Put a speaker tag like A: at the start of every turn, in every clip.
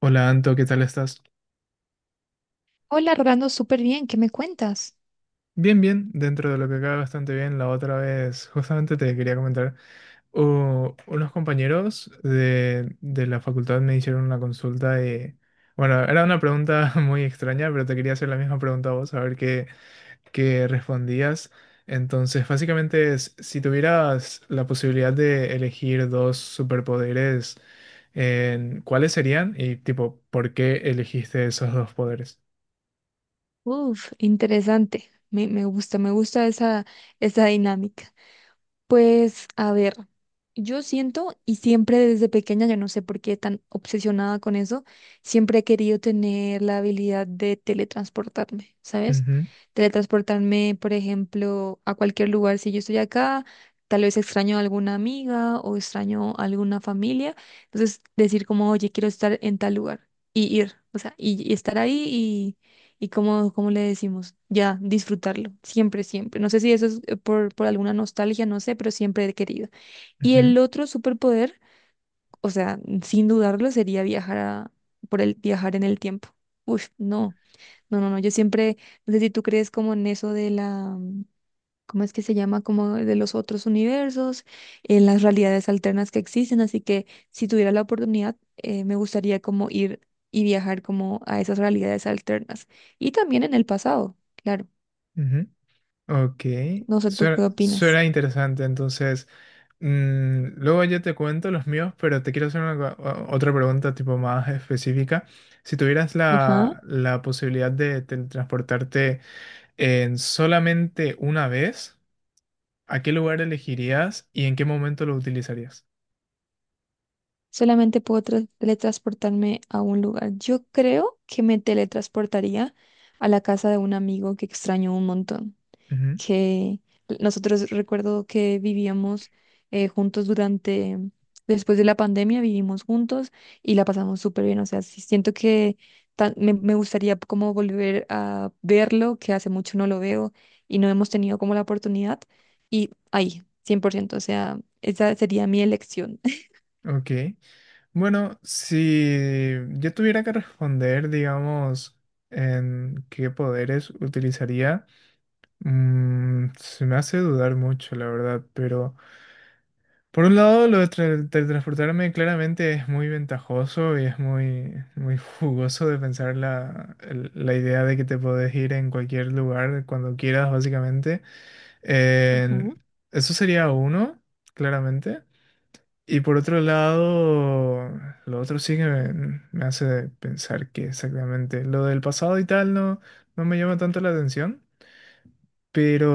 A: Hola Anto, ¿qué tal estás?
B: Hola, Rolando, súper bien, ¿qué me cuentas?
A: Bien, bien, dentro de lo que cabe bastante bien. La otra vez, justamente te quería comentar, unos compañeros de la facultad me hicieron una consulta y, bueno, era una pregunta muy extraña, pero te quería hacer la misma pregunta a vos, a ver qué respondías. Entonces, básicamente es, si tuvieras la posibilidad de elegir dos superpoderes, ¿cuáles serían? Y tipo, ¿por qué elegiste esos dos poderes?
B: Uf, interesante. Me gusta, me gusta esa dinámica. Pues a ver, yo siento y siempre desde pequeña, yo no sé por qué tan obsesionada con eso, siempre he querido tener la habilidad de teletransportarme, ¿sabes?
A: Ujú,
B: Teletransportarme, por ejemplo, a cualquier lugar. Si yo estoy acá, tal vez extraño a alguna amiga o extraño a alguna familia. Entonces, decir como, oye, quiero estar en tal lugar y ir, o sea, y estar ahí y como, como le decimos, ya disfrutarlo, siempre, siempre. No sé si eso es por alguna nostalgia, no sé, pero siempre he querido. Y
A: ujú,
B: el otro superpoder, o sea, sin dudarlo, sería por el viajar en el tiempo. Uf, no, no, no, no. Yo siempre, no sé si tú crees como en eso de la ¿cómo es que se llama? Como de los otros universos, en las realidades alternas que existen. Así que si tuviera la oportunidad, me gustaría como ir y viajar como a esas realidades alternas. Y también en el pasado, claro.
A: ujú. Ok,
B: No sé, ¿tú qué opinas?
A: suena interesante. Entonces, luego yo te cuento los míos, pero te quiero hacer una otra pregunta tipo más específica. Si tuvieras
B: Ajá.
A: la posibilidad de teletransportarte en solamente una vez, ¿a qué lugar elegirías y en qué momento lo utilizarías?
B: Solamente puedo teletransportarme a un lugar. Yo creo que me teletransportaría a la casa de un amigo que extraño un montón, que nosotros recuerdo que vivíamos juntos durante, después de la pandemia, vivimos juntos y la pasamos súper bien. O sea, sí siento que me gustaría como volver a verlo, que hace mucho no lo veo y no hemos tenido como la oportunidad. Y ahí, 100%, o sea, esa sería mi elección.
A: Ujú. Ok, bueno, si yo tuviera que responder, digamos, en qué poderes utilizaría. Mm, se me hace dudar mucho, la verdad, pero por un lado lo de teletransportarme claramente es muy ventajoso y es muy jugoso de pensar la idea de que te podés ir en cualquier lugar cuando quieras, básicamente.
B: Ajá.
A: En- eso sería uno, claramente. Y por otro lado, lo otro sí que me hace pensar que exactamente lo del pasado y tal no me llama tanto la atención. Pero,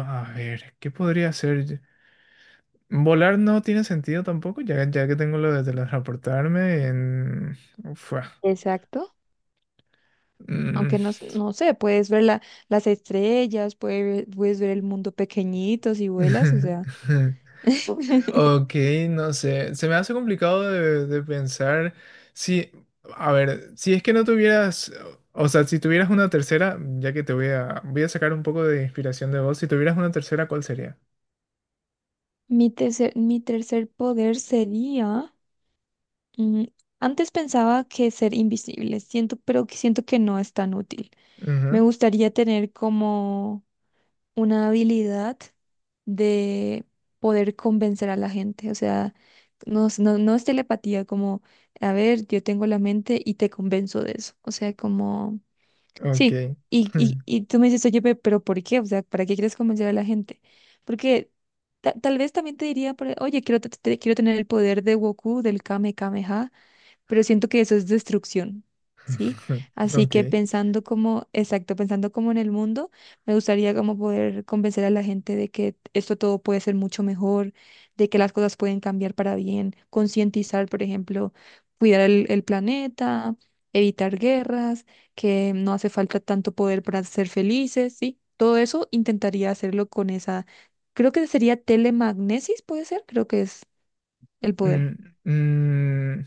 A: a ver, ¿qué podría hacer? Volar no tiene sentido tampoco, ya que tengo lo de teletransportarme en... Fua.
B: Exacto.
A: Mm.
B: Aunque no, no sé, puedes ver las estrellas, puedes, puedes ver el mundo pequeñito si vuelas, o sea.
A: Ok, no sé. Se me hace complicado de pensar si... A ver, si es que no tuvieras... O sea, si tuvieras una tercera, ya que te voy a... Voy a sacar un poco de inspiración de vos. Si tuvieras una tercera, ¿cuál sería?
B: Mi tercer poder sería, mm, antes pensaba que ser invisible, siento, pero que siento que no es tan útil. Me gustaría tener como una habilidad de poder convencer a la gente, o sea, no, no, no es telepatía, como, a ver, yo tengo la mente y te convenzo de eso, o sea, como.
A: Ujú. Ok.
B: Sí, y tú me dices, oye, pero ¿por qué? O sea, ¿para qué quieres convencer a la gente? Porque tal vez también te diría, oye, quiero, quiero tener el poder de Goku, del Kame Kameha, pero siento que eso es destrucción, ¿sí? Así
A: Ok.
B: que pensando como, exacto, pensando como en el mundo, me gustaría como poder convencer a la gente de que esto todo puede ser mucho mejor, de que las cosas pueden cambiar para bien, concientizar, por ejemplo, cuidar el planeta, evitar guerras, que no hace falta tanto poder para ser felices, ¿sí? Todo eso intentaría hacerlo con esa, creo que sería telemagnesis, puede ser, creo que es el
A: Mm,
B: poder.
A: mm,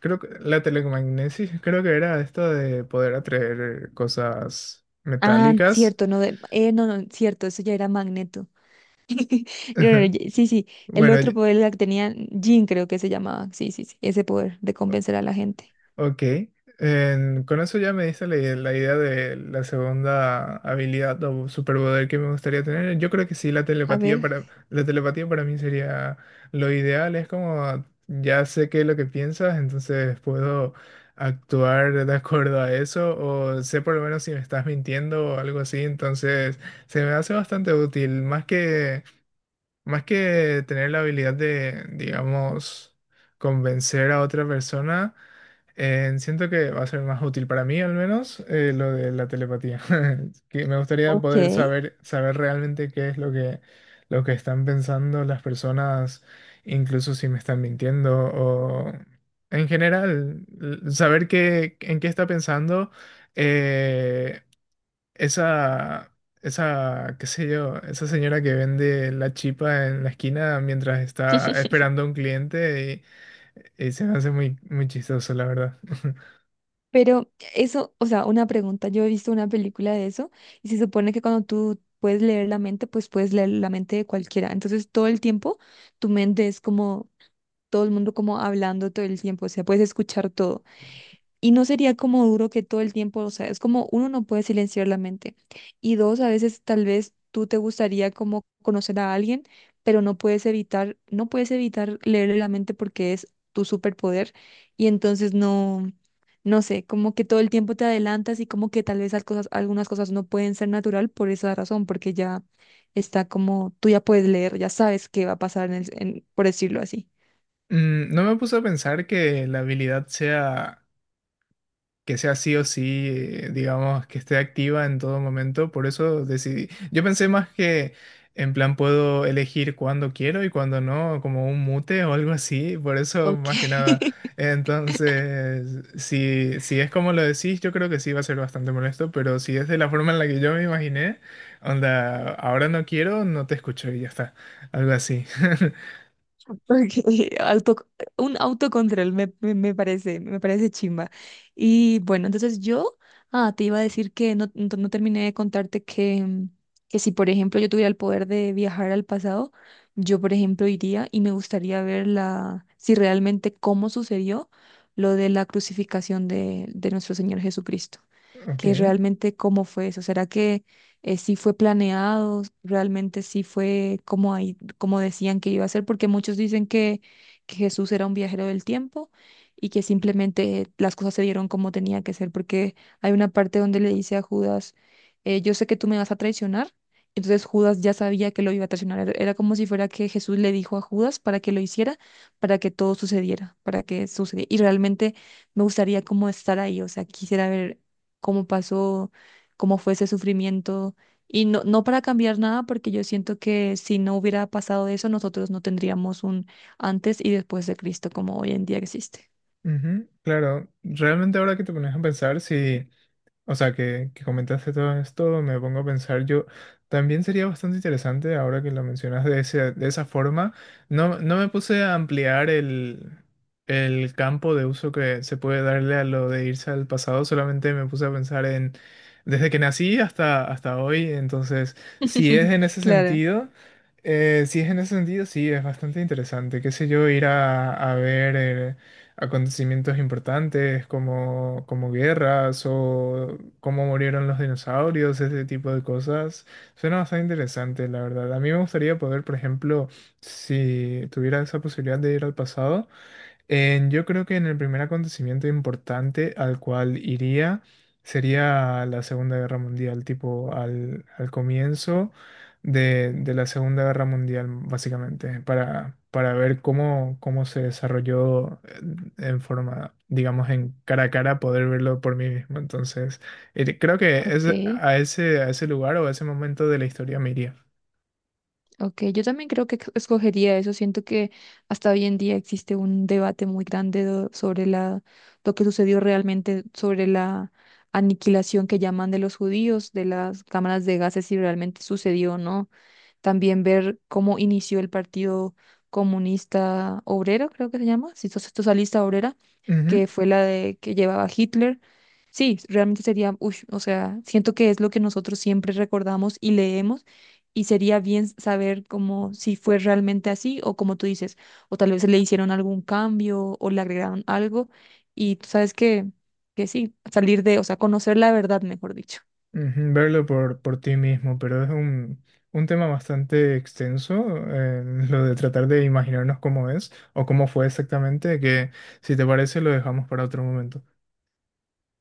A: creo que la telecomagnesis, creo que era esto de poder atraer cosas
B: Ah,
A: metálicas.
B: cierto, no, no, no, cierto, eso ya era Magneto. No, no, ya- sí, sí, el
A: Bueno,
B: otro poder la que tenía Jean, creo que se llamaba. Sí, sí, sí, ese poder de convencer a la gente.
A: ok, con eso ya me diste la idea de la segunda habilidad o superpoder que me gustaría tener. Yo creo que sí,
B: A ver,
A: la telepatía para mí sería lo ideal. Es como ya sé qué es lo que piensas, entonces puedo actuar de acuerdo a eso o sé por lo menos si me estás mintiendo o algo así. Entonces se me hace bastante útil, más que tener la habilidad de, digamos, convencer a otra persona, siento que va a ser más útil para mí, al menos, lo de la telepatía. Que me gustaría
B: ok.
A: poder saber realmente qué es lo lo que están pensando las personas, incluso si me están mintiendo o en general, saber qué, en qué está pensando eh, esa, esa, qué sé yo, esa señora que vende la chipa en la esquina mientras está esperando a un cliente y se me hace muy chistoso, la verdad.
B: Pero eso, o sea, una pregunta, yo he visto una película de eso y se supone que cuando tú puedes leer la mente, pues puedes leer la mente de cualquiera. Entonces, todo el tiempo tu mente es como todo el mundo como hablando todo el tiempo, o sea, puedes escuchar todo. Y no sería como duro que todo el tiempo, o sea, es como uno no puede silenciar la mente. Y dos, a veces tal vez tú te gustaría como conocer a alguien, pero no puedes evitar, no puedes evitar leerle la mente porque es tu superpoder. Y entonces no, no sé, como que todo el tiempo te adelantas y como que tal vez algunas cosas no pueden ser natural por esa razón, porque ya está como, tú ya puedes leer, ya sabes qué va a pasar en por decirlo así.
A: Mm, no me puse a pensar que la habilidad sea, que sea sí o sí, digamos, que esté activa en todo momento, por eso decidí. Yo pensé más que en plan puedo elegir cuando quiero y cuando no, como un mute o algo así, por eso
B: Ok.
A: más que nada. Entonces, si es como lo decís, yo creo que sí va a ser bastante molesto, pero si es de la forma en la que yo me imaginé, onda, ahora no quiero, no te escucho y ya está, algo así.
B: Porque auto, un autocontrol me parece, me parece chimba. Y bueno, entonces yo, ah, te iba a decir que no terminé de contarte que, que si, por ejemplo, yo tuviera el poder de viajar al pasado, yo, por ejemplo, iría y me gustaría ver la, si realmente cómo sucedió lo de la crucificación de nuestro Señor Jesucristo, que
A: Ok.
B: realmente cómo fue eso. ¿Será que sí fue planeado? ¿Realmente sí fue como ahí, como decían que iba a ser? Porque muchos dicen que Jesús era un viajero del tiempo y que simplemente las cosas se dieron como tenía que ser, porque hay una parte donde le dice a Judas, yo sé que tú me vas a traicionar. Entonces Judas ya sabía que lo iba a traicionar. Era como si fuera que Jesús le dijo a Judas para que lo hiciera, para que todo sucediera, para que sucediera. Y realmente me gustaría como estar ahí, o sea, quisiera ver cómo pasó, cómo fue ese sufrimiento. Y no, no para cambiar nada, porque yo siento que si no hubiera pasado eso, nosotros no tendríamos un antes y después de Cristo como hoy en día existe.
A: Ujú, claro, realmente ahora que te pones a pensar, si, o sea, que comentaste todo esto, me pongo a pensar, yo también sería bastante interesante ahora que lo mencionas de de esa forma. No, no me puse a ampliar el campo de uso que se puede darle a lo de irse al pasado, solamente me puse a pensar en desde que nací hasta hoy. Entonces, si es en ese
B: Claro.
A: sentido. Si es en ese sentido, sí, es bastante interesante. Qué sé yo, ir a ver. Eh, acontecimientos importantes como guerras o cómo murieron los dinosaurios, ese tipo de cosas. Suena bastante interesante, la verdad. A mí me gustaría poder, por ejemplo, si tuviera esa posibilidad de ir al pasado, yo creo que en el primer acontecimiento importante al cual iría sería la Segunda Guerra Mundial, tipo al comienzo de la Segunda Guerra Mundial, básicamente, para ver cómo se desarrolló en forma, digamos, en cara a cara, poder verlo por mí mismo. Entonces, creo que es
B: Ok,
A: a a ese lugar o a ese momento de la historia me iría.
B: ok, yo también creo que escogería eso. Siento que hasta hoy en día existe un debate muy grande sobre la, lo que sucedió realmente, sobre la aniquilación que llaman de los judíos, de las cámaras de gases, si realmente sucedió o no. También ver cómo inició el Partido Comunista Obrero, creo que se llama, si sos socialista obrera, que fue la de que llevaba Hitler. Sí, realmente sería, ush, o sea, siento que es lo que nosotros siempre recordamos y leemos, y sería bien saber como si fue realmente así o como tú dices, o tal vez le hicieron algún cambio o le agregaron algo y tú sabes que sí, salir de, o sea, conocer la verdad, mejor dicho.
A: Ujú, verlo por ti mismo, pero es un tema bastante extenso, lo de tratar de imaginarnos cómo es o cómo fue exactamente, que si te parece lo dejamos para otro momento.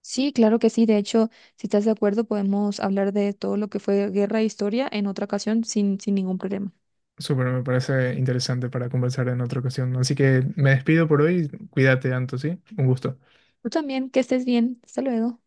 B: Sí, claro que sí. De hecho, si estás de acuerdo, podemos hablar de todo lo que fue guerra e historia en otra ocasión sin, sin ningún problema.
A: Súper, me parece interesante para conversar en otra ocasión. Así que me despido por hoy, cuídate, Anto, ¿sí? Un gusto.
B: Tú también, que estés bien. Hasta luego.